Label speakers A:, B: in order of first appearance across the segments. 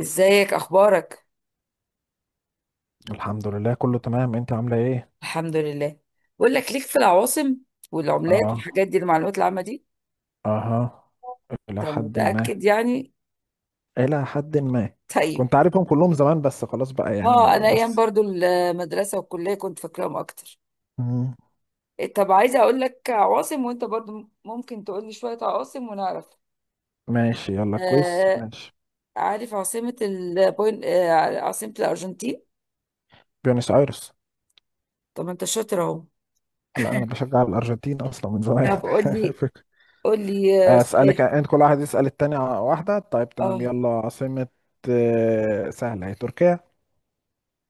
A: ازيك اخبارك؟
B: الحمد لله، كله تمام. انت عاملة ايه؟
A: الحمد لله. بقول لك ليك في العواصم والعملات
B: اه.
A: والحاجات دي، المعلومات العامه دي.
B: اها. الى
A: انت
B: حد ما،
A: متاكد يعني؟
B: الى حد ما.
A: طيب.
B: كنت عارفهم كلهم زمان، بس خلاص بقى
A: اه،
B: يعني
A: انا ايام
B: بس.
A: برضو المدرسه والكليه كنت فاكراهم اكتر.
B: مم.
A: طب عايزه اقول لك عواصم وانت برضو ممكن تقول لي شويه عواصم ونعرف.
B: ماشي يلا كويس
A: آه.
B: ماشي.
A: عارف عاصمه البوين، عاصمه الارجنتين؟
B: بيونس ايرس.
A: طب ما انت شاطر اهو.
B: لا، انا بشجع الارجنتين اصلا من
A: طب
B: زمان.
A: قول لي،
B: فك-
A: قول لي
B: اسالك
A: سؤال.
B: انت، كل واحد يسال التاني على واحدة. طيب تمام،
A: اه.
B: يلا عاصمة. سهلة، هي تركيا.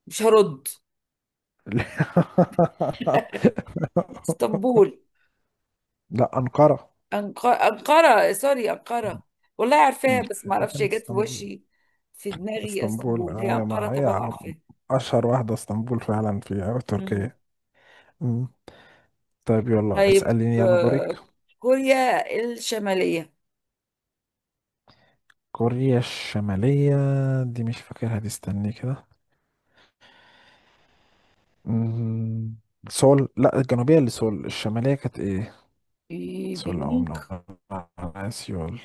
A: مش هرد. اسطنبول.
B: لا، انقرة.
A: أنقرة، سوري، أنقرة. والله
B: مم.
A: عارفاها بس ما
B: هي
A: اعرفش هي
B: كانت
A: جت في
B: اسطنبول.
A: وشي. في دماغي
B: اسطنبول،
A: اسطنبول، هي
B: يا
A: أنقرة
B: ما هي
A: طبعا عارفاها.
B: اشهر واحدة اسطنبول فعلا في
A: مم.
B: تركيا. مم. طيب يلا
A: طيب
B: اسأليني، يلا دورك.
A: كوريا الشمالية.
B: كوريا الشمالية. دي مش فاكرها دي، استني كده. مم. سول، لا الجنوبية اللي سول، الشمالية كانت ايه؟ سول او
A: بيونج.
B: من سيول.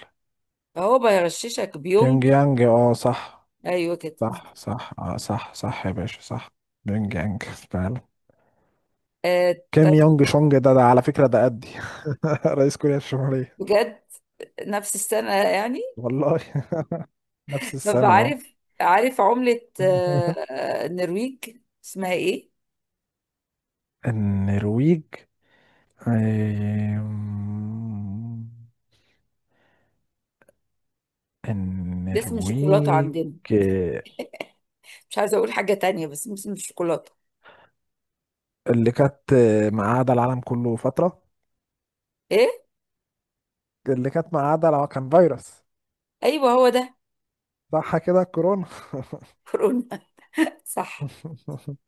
A: اهو بغششك،
B: بيونج
A: بيونج.
B: يانج، اه صح.
A: ايوه كده.
B: صح صح، اه صح صح، يا باشا صح. بيونج يانج فعلا.
A: آه
B: كيم
A: طيب.
B: يونج شونج، ده على فكرة، ده قدي. رئيس كوريا الشمالية.
A: بجد؟ نفس السنة يعني؟
B: والله. نفس
A: طب
B: السنة اهو.
A: عارف، عارف عملة النرويج اسمها ايه؟
B: النرويج. آم،
A: ده اسم شوكولاتة
B: النرويج.
A: عندنا.
B: آه،
A: مش عايزة اقول حاجة تانية بس اسم الشوكولاتة.
B: اللي كانت مقعدة العالم كله فترة.
A: ايه؟
B: اللي كانت مقعدة، لو كان فيروس.
A: ايوه هو ده.
B: صح كده، كورونا.
A: كورونا. صح.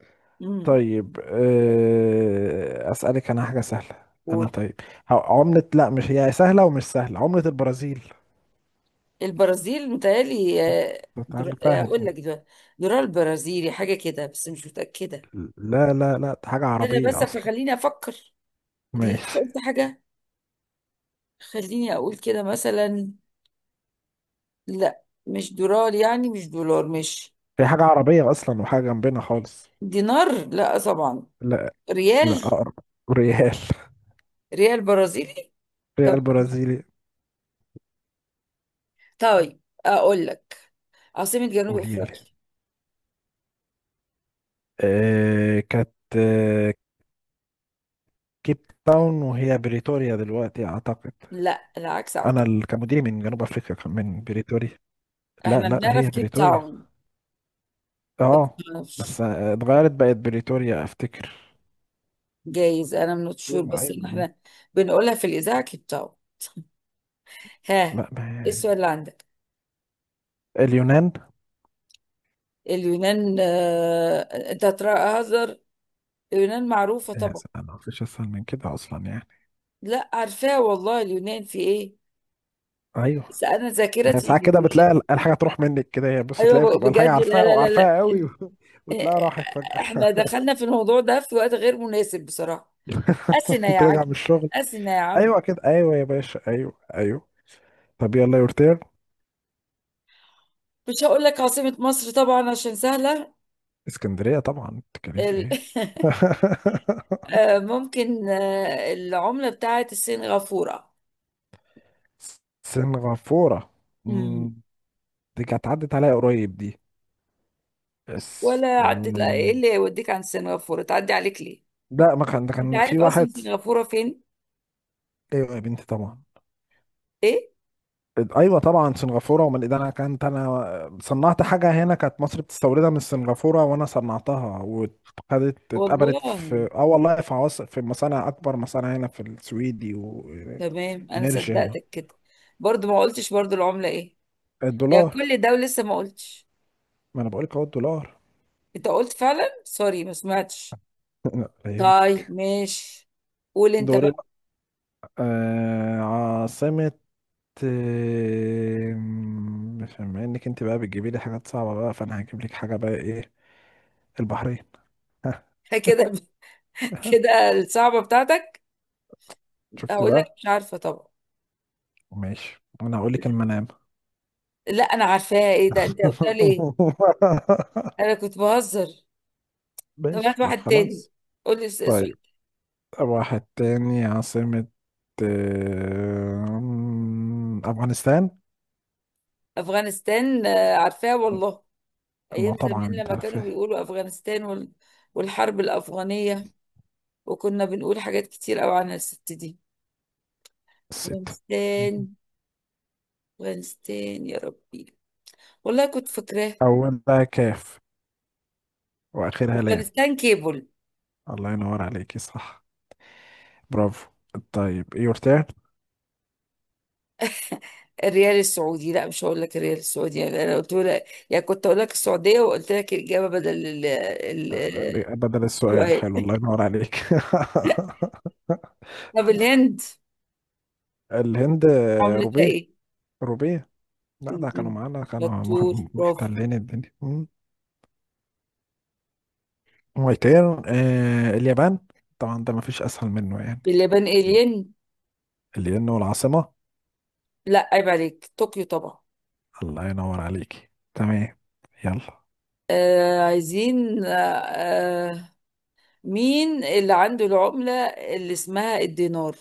A: امم
B: طيب، أسألك أنا حاجة سهلة. أنا
A: قول.
B: طيب. عملة، لا مش هي سهلة، ومش سهلة، عملة البرازيل.
A: البرازيل متهيألي آه،
B: كنت
A: در... آه،
B: عارفها
A: اقول
B: دي.
A: لك ده، درار برازيلي حاجه كده بس مش متاكده.
B: لا لا لا، دي حاجة
A: انا
B: عربية
A: بس
B: أصلا.
A: فخليني افكر. لسه
B: ماشي.
A: قلت حاجه. خليني اقول كده مثلا. لا مش دولار، يعني مش دولار، مش
B: هي حاجة عربية أصلا، وحاجة جنبنا خالص.
A: دينار لا طبعا.
B: لا، لا
A: ريال.
B: أقرب. ريال.
A: ريال برازيلي. طب،
B: ريال برازيلي.
A: طيب اقول لك عاصمه جنوب
B: قولي لي.
A: افريقيا.
B: كانت آه كيب تاون، وهي بريتوريا دلوقتي أعتقد.
A: لا، العكس
B: أنا
A: اعتقد.
B: كمدير من جنوب أفريقيا، كان من بريتوريا. لا
A: احنا
B: لا،
A: بنعرف
B: هي
A: كيب
B: بريتوريا.
A: تاون بس
B: أه
A: ما
B: بس
A: نعرفش.
B: اتغيرت بقت بريتوريا أفتكر.
A: جايز انا من شور
B: أيوة
A: بس إن
B: أيوة.
A: احنا بنقولها في الاذاعه كيبتاو. ها،
B: لا
A: إيه
B: ما.
A: السؤال اللي عندك؟
B: اليونان.
A: اليونان؟ انت هتهزر، اليونان معروفه
B: يا
A: طبعا.
B: سلام، ما فيش أسهل من كده أصلا يعني.
A: لا عارفاها والله، اليونان في ايه،
B: أيوه.
A: بس انا
B: ما هي
A: ذاكرتي.
B: ساعات كده بتلاقي الحاجة تروح منك كده، هي بص
A: ايوه،
B: تلاقي بتبقى الحاجة
A: بجد، لا
B: عارفاها
A: لا لا لا.
B: وعارفاها قوي.
A: إيه،
B: وتلاقيها راحت فجأة.
A: احنا دخلنا في الموضوع ده في وقت غير مناسب بصراحه. اثينا يا
B: كنت راجع
A: عجل.
B: من الشغل.
A: اثينا يا عم.
B: ايوه كده، ايوه يا باشا، ايوه ايوه. طب يلا يا ورتير.
A: مش هقول لك عاصمه مصر طبعا عشان سهله.
B: اسكندرية طبعا، بتتكلم في
A: ال...
B: ايه؟
A: ممكن العملة بتاعت السنغافورة.
B: سنغافورة.
A: امم
B: أمم، دي كانت عدت عليا قريب دي. بس
A: ولا عدت، لا، ايه
B: أمم،
A: اللي يوديك عن سنغافورة تعدي عليك ليه؟
B: لا، ما كان، ده
A: انت
B: كان في
A: عارف
B: واحد.
A: اصلا سنغافورة فين؟
B: ايوه يا بنتي طبعا.
A: ايه؟
B: ايوه طبعا سنغافوره. ومن ده انا صنعت حاجه هنا، كانت مصر بتستوردها من سنغافوره، وانا صنعتها وخدت،
A: والله؟
B: اتقبلت في والله في عواصم، في مصانع، اكبر مصانع هنا في السويدي.
A: تمام انا
B: نرجع.
A: صدقتك كده. برضو ما قلتش برضو العملة ايه. يا
B: الدولار.
A: كل ده ولسه ما قلتش.
B: ما انا بقولك اهو الدولار.
A: انت قلت فعلا، سوري ما سمعتش.
B: لا فاهم.
A: طيب ماشي. قول انت
B: دوري
A: بقى.
B: بقى. عاصمة. بما انك انت بقى بتجيبي لي حاجات صعبة بقى، فانا هجيب لك حاجة بقى ايه. البحرين.
A: كده؟ كده الصعبة بتاعتك؟
B: شفت
A: هقول لك
B: بقى.
A: مش عارفة طبعا.
B: ماشي، انا هقول لك المنام.
A: لا انا عارفاها، ايه ده انت قلت لي ايه؟ انا كنت بهزر. طب
B: ماشي
A: هات
B: ما
A: واحد تاني.
B: خلاص.
A: قول لي سؤال.
B: طيب واحد تاني عاصمة، افغانستان.
A: افغانستان عارفاه والله.
B: ما
A: ايام زمان
B: طبعا انت
A: لما
B: عارف.
A: كانوا بيقولوا افغانستان وال... والحرب الافغانيه، وكنا بنقول حاجات كتير قوي عن الست دي.
B: ستة.
A: افغانستان.
B: مهم.
A: افغانستان يا ربي، والله كنت فاكراه.
B: أولها كاف، وآخرها لام.
A: افغانستان كيبل.
B: الله ينور عليكي صح. برافو. طيب يور تيرن.
A: الريال السعودي، لا مش هقول لك الريال السعودي يعني. انا قلت لك، يعني كنت اقول لك السعوديه وقلت لك الاجابه بدل ال... ال...
B: بدل السؤال حلو،
A: السؤال.
B: الله ينور عليك.
A: طب الهند
B: الهند.
A: عملتها
B: روبيه،
A: ايه؟
B: روبيه. لا،
A: م-
B: ده كانوا معانا، كانوا
A: شطور، برافو.
B: محتلين الدنيا. مم. ماي تيرن، اليابان. طبعا ده مفيش أسهل منه يعني.
A: باللبان
B: مم.
A: الين.
B: الين، والعاصمة.
A: لا عيب عليك، طوكيو طبعا.
B: الله ينور عليكي تمام. يلا.
A: آه عايزين آه، آه، مين اللي عنده العملة اللي اسمها الدينار؟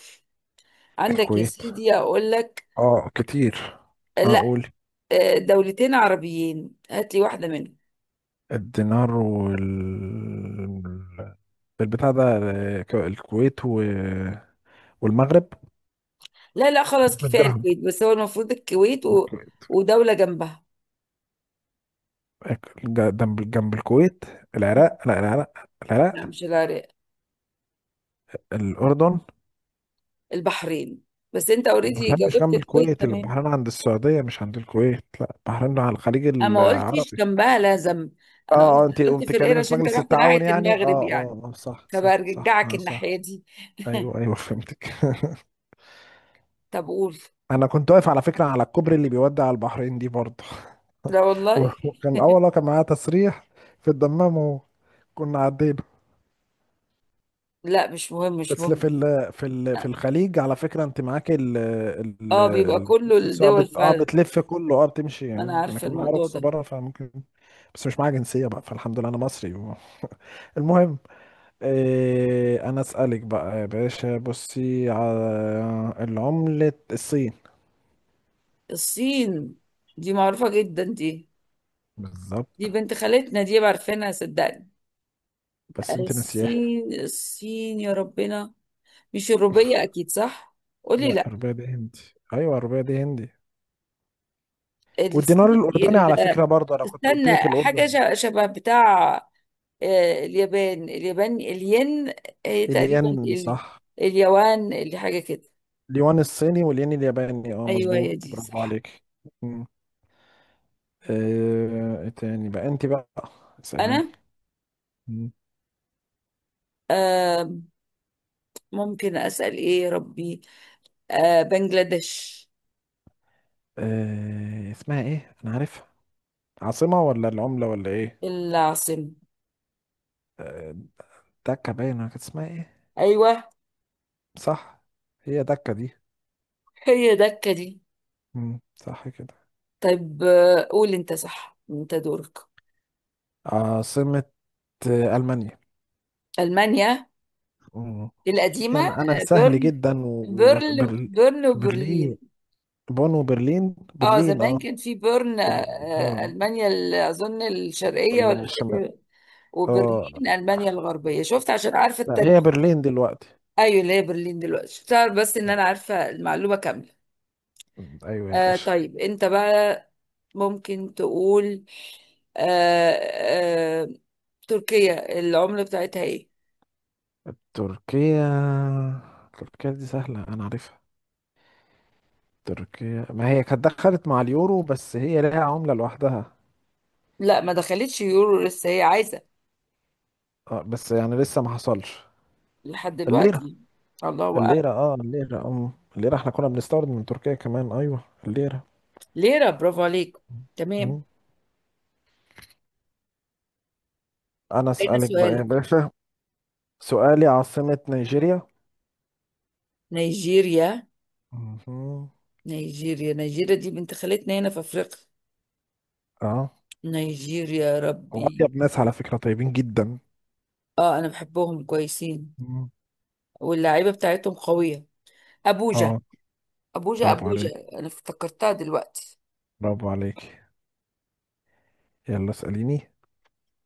A: عندك يا
B: الكويت.
A: سيدي، اقول لك؟
B: اه كتير.
A: لا.
B: اقول.
A: آه دولتين عربيين، هات لي واحدة منهم.
B: الدينار البتاع ده. الكويت والمغرب.
A: لا لا خلاص، كفاية
B: الدرهم.
A: الكويت. بس هو المفروض الكويت و...
B: ج-
A: ودولة جنبها.
B: جنب الكويت.
A: مم.
B: العراق، لا العراق.
A: لا
B: العراق.
A: مش العراق.
B: الأردن.
A: البحرين. بس انت اوريدي
B: البحرين مش
A: جاوبت
B: جنب
A: الكويت
B: الكويت،
A: تمام.
B: البحرين عند السعودية، مش عند الكويت، لا البحرين على الخليج
A: انا ما قلتش
B: العربي.
A: جنبها لا ذنب.
B: اه.
A: انا
B: اه،
A: قلت،
B: انت
A: قلت
B: قمت
A: في
B: تكلمي
A: القرش
B: في
A: عشان انت
B: مجلس
A: رحت
B: التعاون
A: ناحية
B: يعني، اه.
A: المغرب يعني،
B: اه صح صح صح،
A: فبرجعك
B: اه صح.
A: الناحية دي.
B: ايوه ايوه، فهمتك.
A: طب قول.
B: انا كنت واقف على فكره على الكوبري اللي بيودي على البحرين دي برضه.
A: لا والله.
B: وكان اول واحد كان معايا تسريح في الدمام، وكنا عدينا.
A: لا مش مهم، مش
B: بس
A: مهم.
B: في ال في ال في الخليج على فكره انت معاك ال ال
A: اه بيبقى
B: ال-
A: كله
B: رخصة السواقه
A: الدول فعلا،
B: بتلف كله، بتمشي
A: انا
B: يعني. انا
A: عارفة
B: كان معايا
A: الموضوع
B: رخصه
A: ده.
B: بره فممكن. بس مش معايا جنسيه بقى، فالحمد لله انا مصري المهم. انا اسالك بقى يا باشا، بصي على العمله، الصين.
A: الصين دي معروفة جدا دي، دي
B: بالظبط.
A: بنت خالتنا دي، عارفينها صدقني.
B: بس انت ناسيها.
A: الصين، الصين يا ربنا. مش الروبية اكيد صح؟ قولي
B: لا،
A: لا.
B: الرباية دي هندي. ايوه، الرباية دي هندي. والدينار
A: الصين
B: الاردني على
A: ال...
B: فكرة برضه، انا كنت قلت
A: استنى
B: لك
A: حاجة،
B: الاردن.
A: شبه بتاع اليابان، اليابان الين، تقريبا
B: الين
A: ال...
B: صح.
A: اليوان اللي حاجة كده.
B: اليوان الصيني والين الياباني،
A: ايوه
B: مظبوط،
A: هي دي
B: برافو
A: صح.
B: عليك. مم. ايه تاني بقى انت بقى؟ اسأليني.
A: انا
B: مم.
A: آه، ممكن اسال ايه يا ربي؟ آه بنجلاديش.
B: اسمها ايه انا عارفها، عاصمة ولا العملة ولا ايه؟
A: العاصمه.
B: آه، دكة باينة، كانت اسمها ايه.
A: ايوه
B: صح. هي دكة دي.
A: هي دكه دي.
B: صح كده.
A: طيب آه قول انت، صح انت دورك.
B: عاصمة، ألمانيا.
A: المانيا
B: مم.
A: القديمه.
B: انا
A: آه،
B: سهل
A: بيرن
B: جدا،
A: بيرن
B: وبرلين.
A: بيرن وبرلين.
B: بون وبرلين،
A: اه
B: برلين
A: زمان
B: اه.
A: كان في بيرن
B: بون
A: المانيا ال- اظن الشرقيه ولا مش
B: بالشمال.
A: فاكره.
B: اه.
A: وبرلين المانيا الغربيه. شفت عشان عارفه
B: لا هي
A: التاريخ.
B: برلين دلوقتي.
A: ايوه اللي هي برلين دلوقتي، شفت بس ان انا عارفه المعلومه كامله.
B: ايوه يا
A: آه
B: باشا.
A: طيب انت بقى ممكن تقول آه، آه، تركيا العملة بتاعتها ايه؟
B: تركيا، تركيا دي سهلة انا عارفها. تركيا ما هي كانت دخلت مع اليورو، بس هي ليها عملة لوحدها.
A: لا ما دخلتش يورو لسه، هي عايزة
B: اه بس يعني لسه ما حصلش.
A: لحد
B: الليرة.
A: دلوقتي، الله أعلم.
B: الليرة اه الليرة ام الليرة احنا كنا بنستورد من تركيا كمان، ايوه. الليرة.
A: ليرة، برافو عليك، تمام.
B: مم. انا
A: هنا
B: اسألك بقى يا
A: سؤالك.
B: باشا. سؤالي عاصمة نيجيريا.
A: نيجيريا؟
B: مهم.
A: نيجيريا، نيجيريا دي بنت خالتنا هنا في أفريقيا.
B: اه،
A: نيجيريا يا ربي.
B: وأطيب ناس على فكرة، طيبين جدا.
A: اه أنا بحبهم كويسين،
B: مهم.
A: واللعيبة بتاعتهم قوية. أبوجا.
B: اه،
A: أبوجا،
B: برافو
A: أبوجا.
B: عليك،
A: أنا افتكرتها دلوقتي.
B: برافو عليك. يلا اسأليني.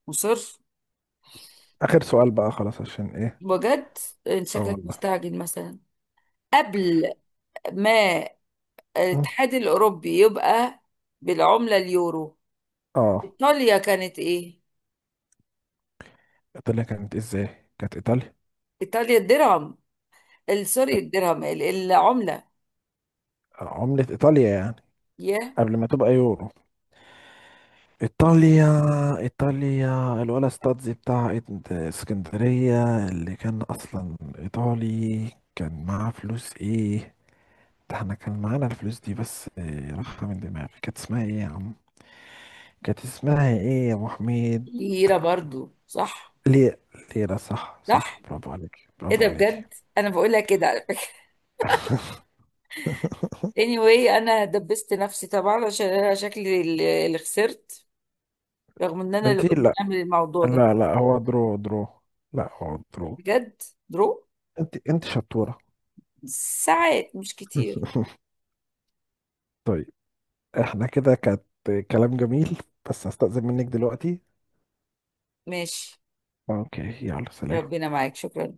A: مصر.
B: آخر سؤال بقى خلاص، عشان ايه.
A: بجد؟ انت
B: اه
A: شكلك
B: والله.
A: مستعجل مثلا. قبل ما
B: مم.
A: الاتحاد الاوروبي يبقى بالعمله اليورو،
B: اه.
A: ايطاليا كانت ايه؟
B: ايطاليا كانت إيه ازاي، كانت ايطاليا.
A: ايطاليا الدرهم، ال- سوري الدرهم ال- العمله
B: عملة ايطاليا يعني
A: يا
B: قبل ما تبقى يورو. ايطاليا. ايطاليا الولا ستادزي بتاع اسكندرية، اللي كان اصلا ايطالي، كان معاه فلوس ايه؟ ده احنا كان معانا الفلوس دي، بس راحة من دماغي، كانت اسمها ايه يا عم. كانت اسمها ايه يا ابو حميد.
A: ليره، برضو صح؟
B: ليه. ليه صح
A: صح.
B: صح، برافو عليك،
A: ايه
B: برافو
A: ده
B: عليك.
A: بجد، انا بقول لك كده على فكره. anyway، انا دبست نفسي طبعا، عشان انا شكلي اللي خسرت، رغم ان انا اللي
B: انتي
A: قلت
B: لا.
A: اعمل الموضوع ده.
B: لا لا، هو درو درو. لا هو درو.
A: بجد. درو.
B: انت شطورة.
A: ساعات مش كتير.
B: طيب. احنا كده كانت كلام جميل، بس هستأذن منك دلوقتي.
A: ماشي.
B: اوكي. يلا سلام.
A: ربنا معاك، شكرا.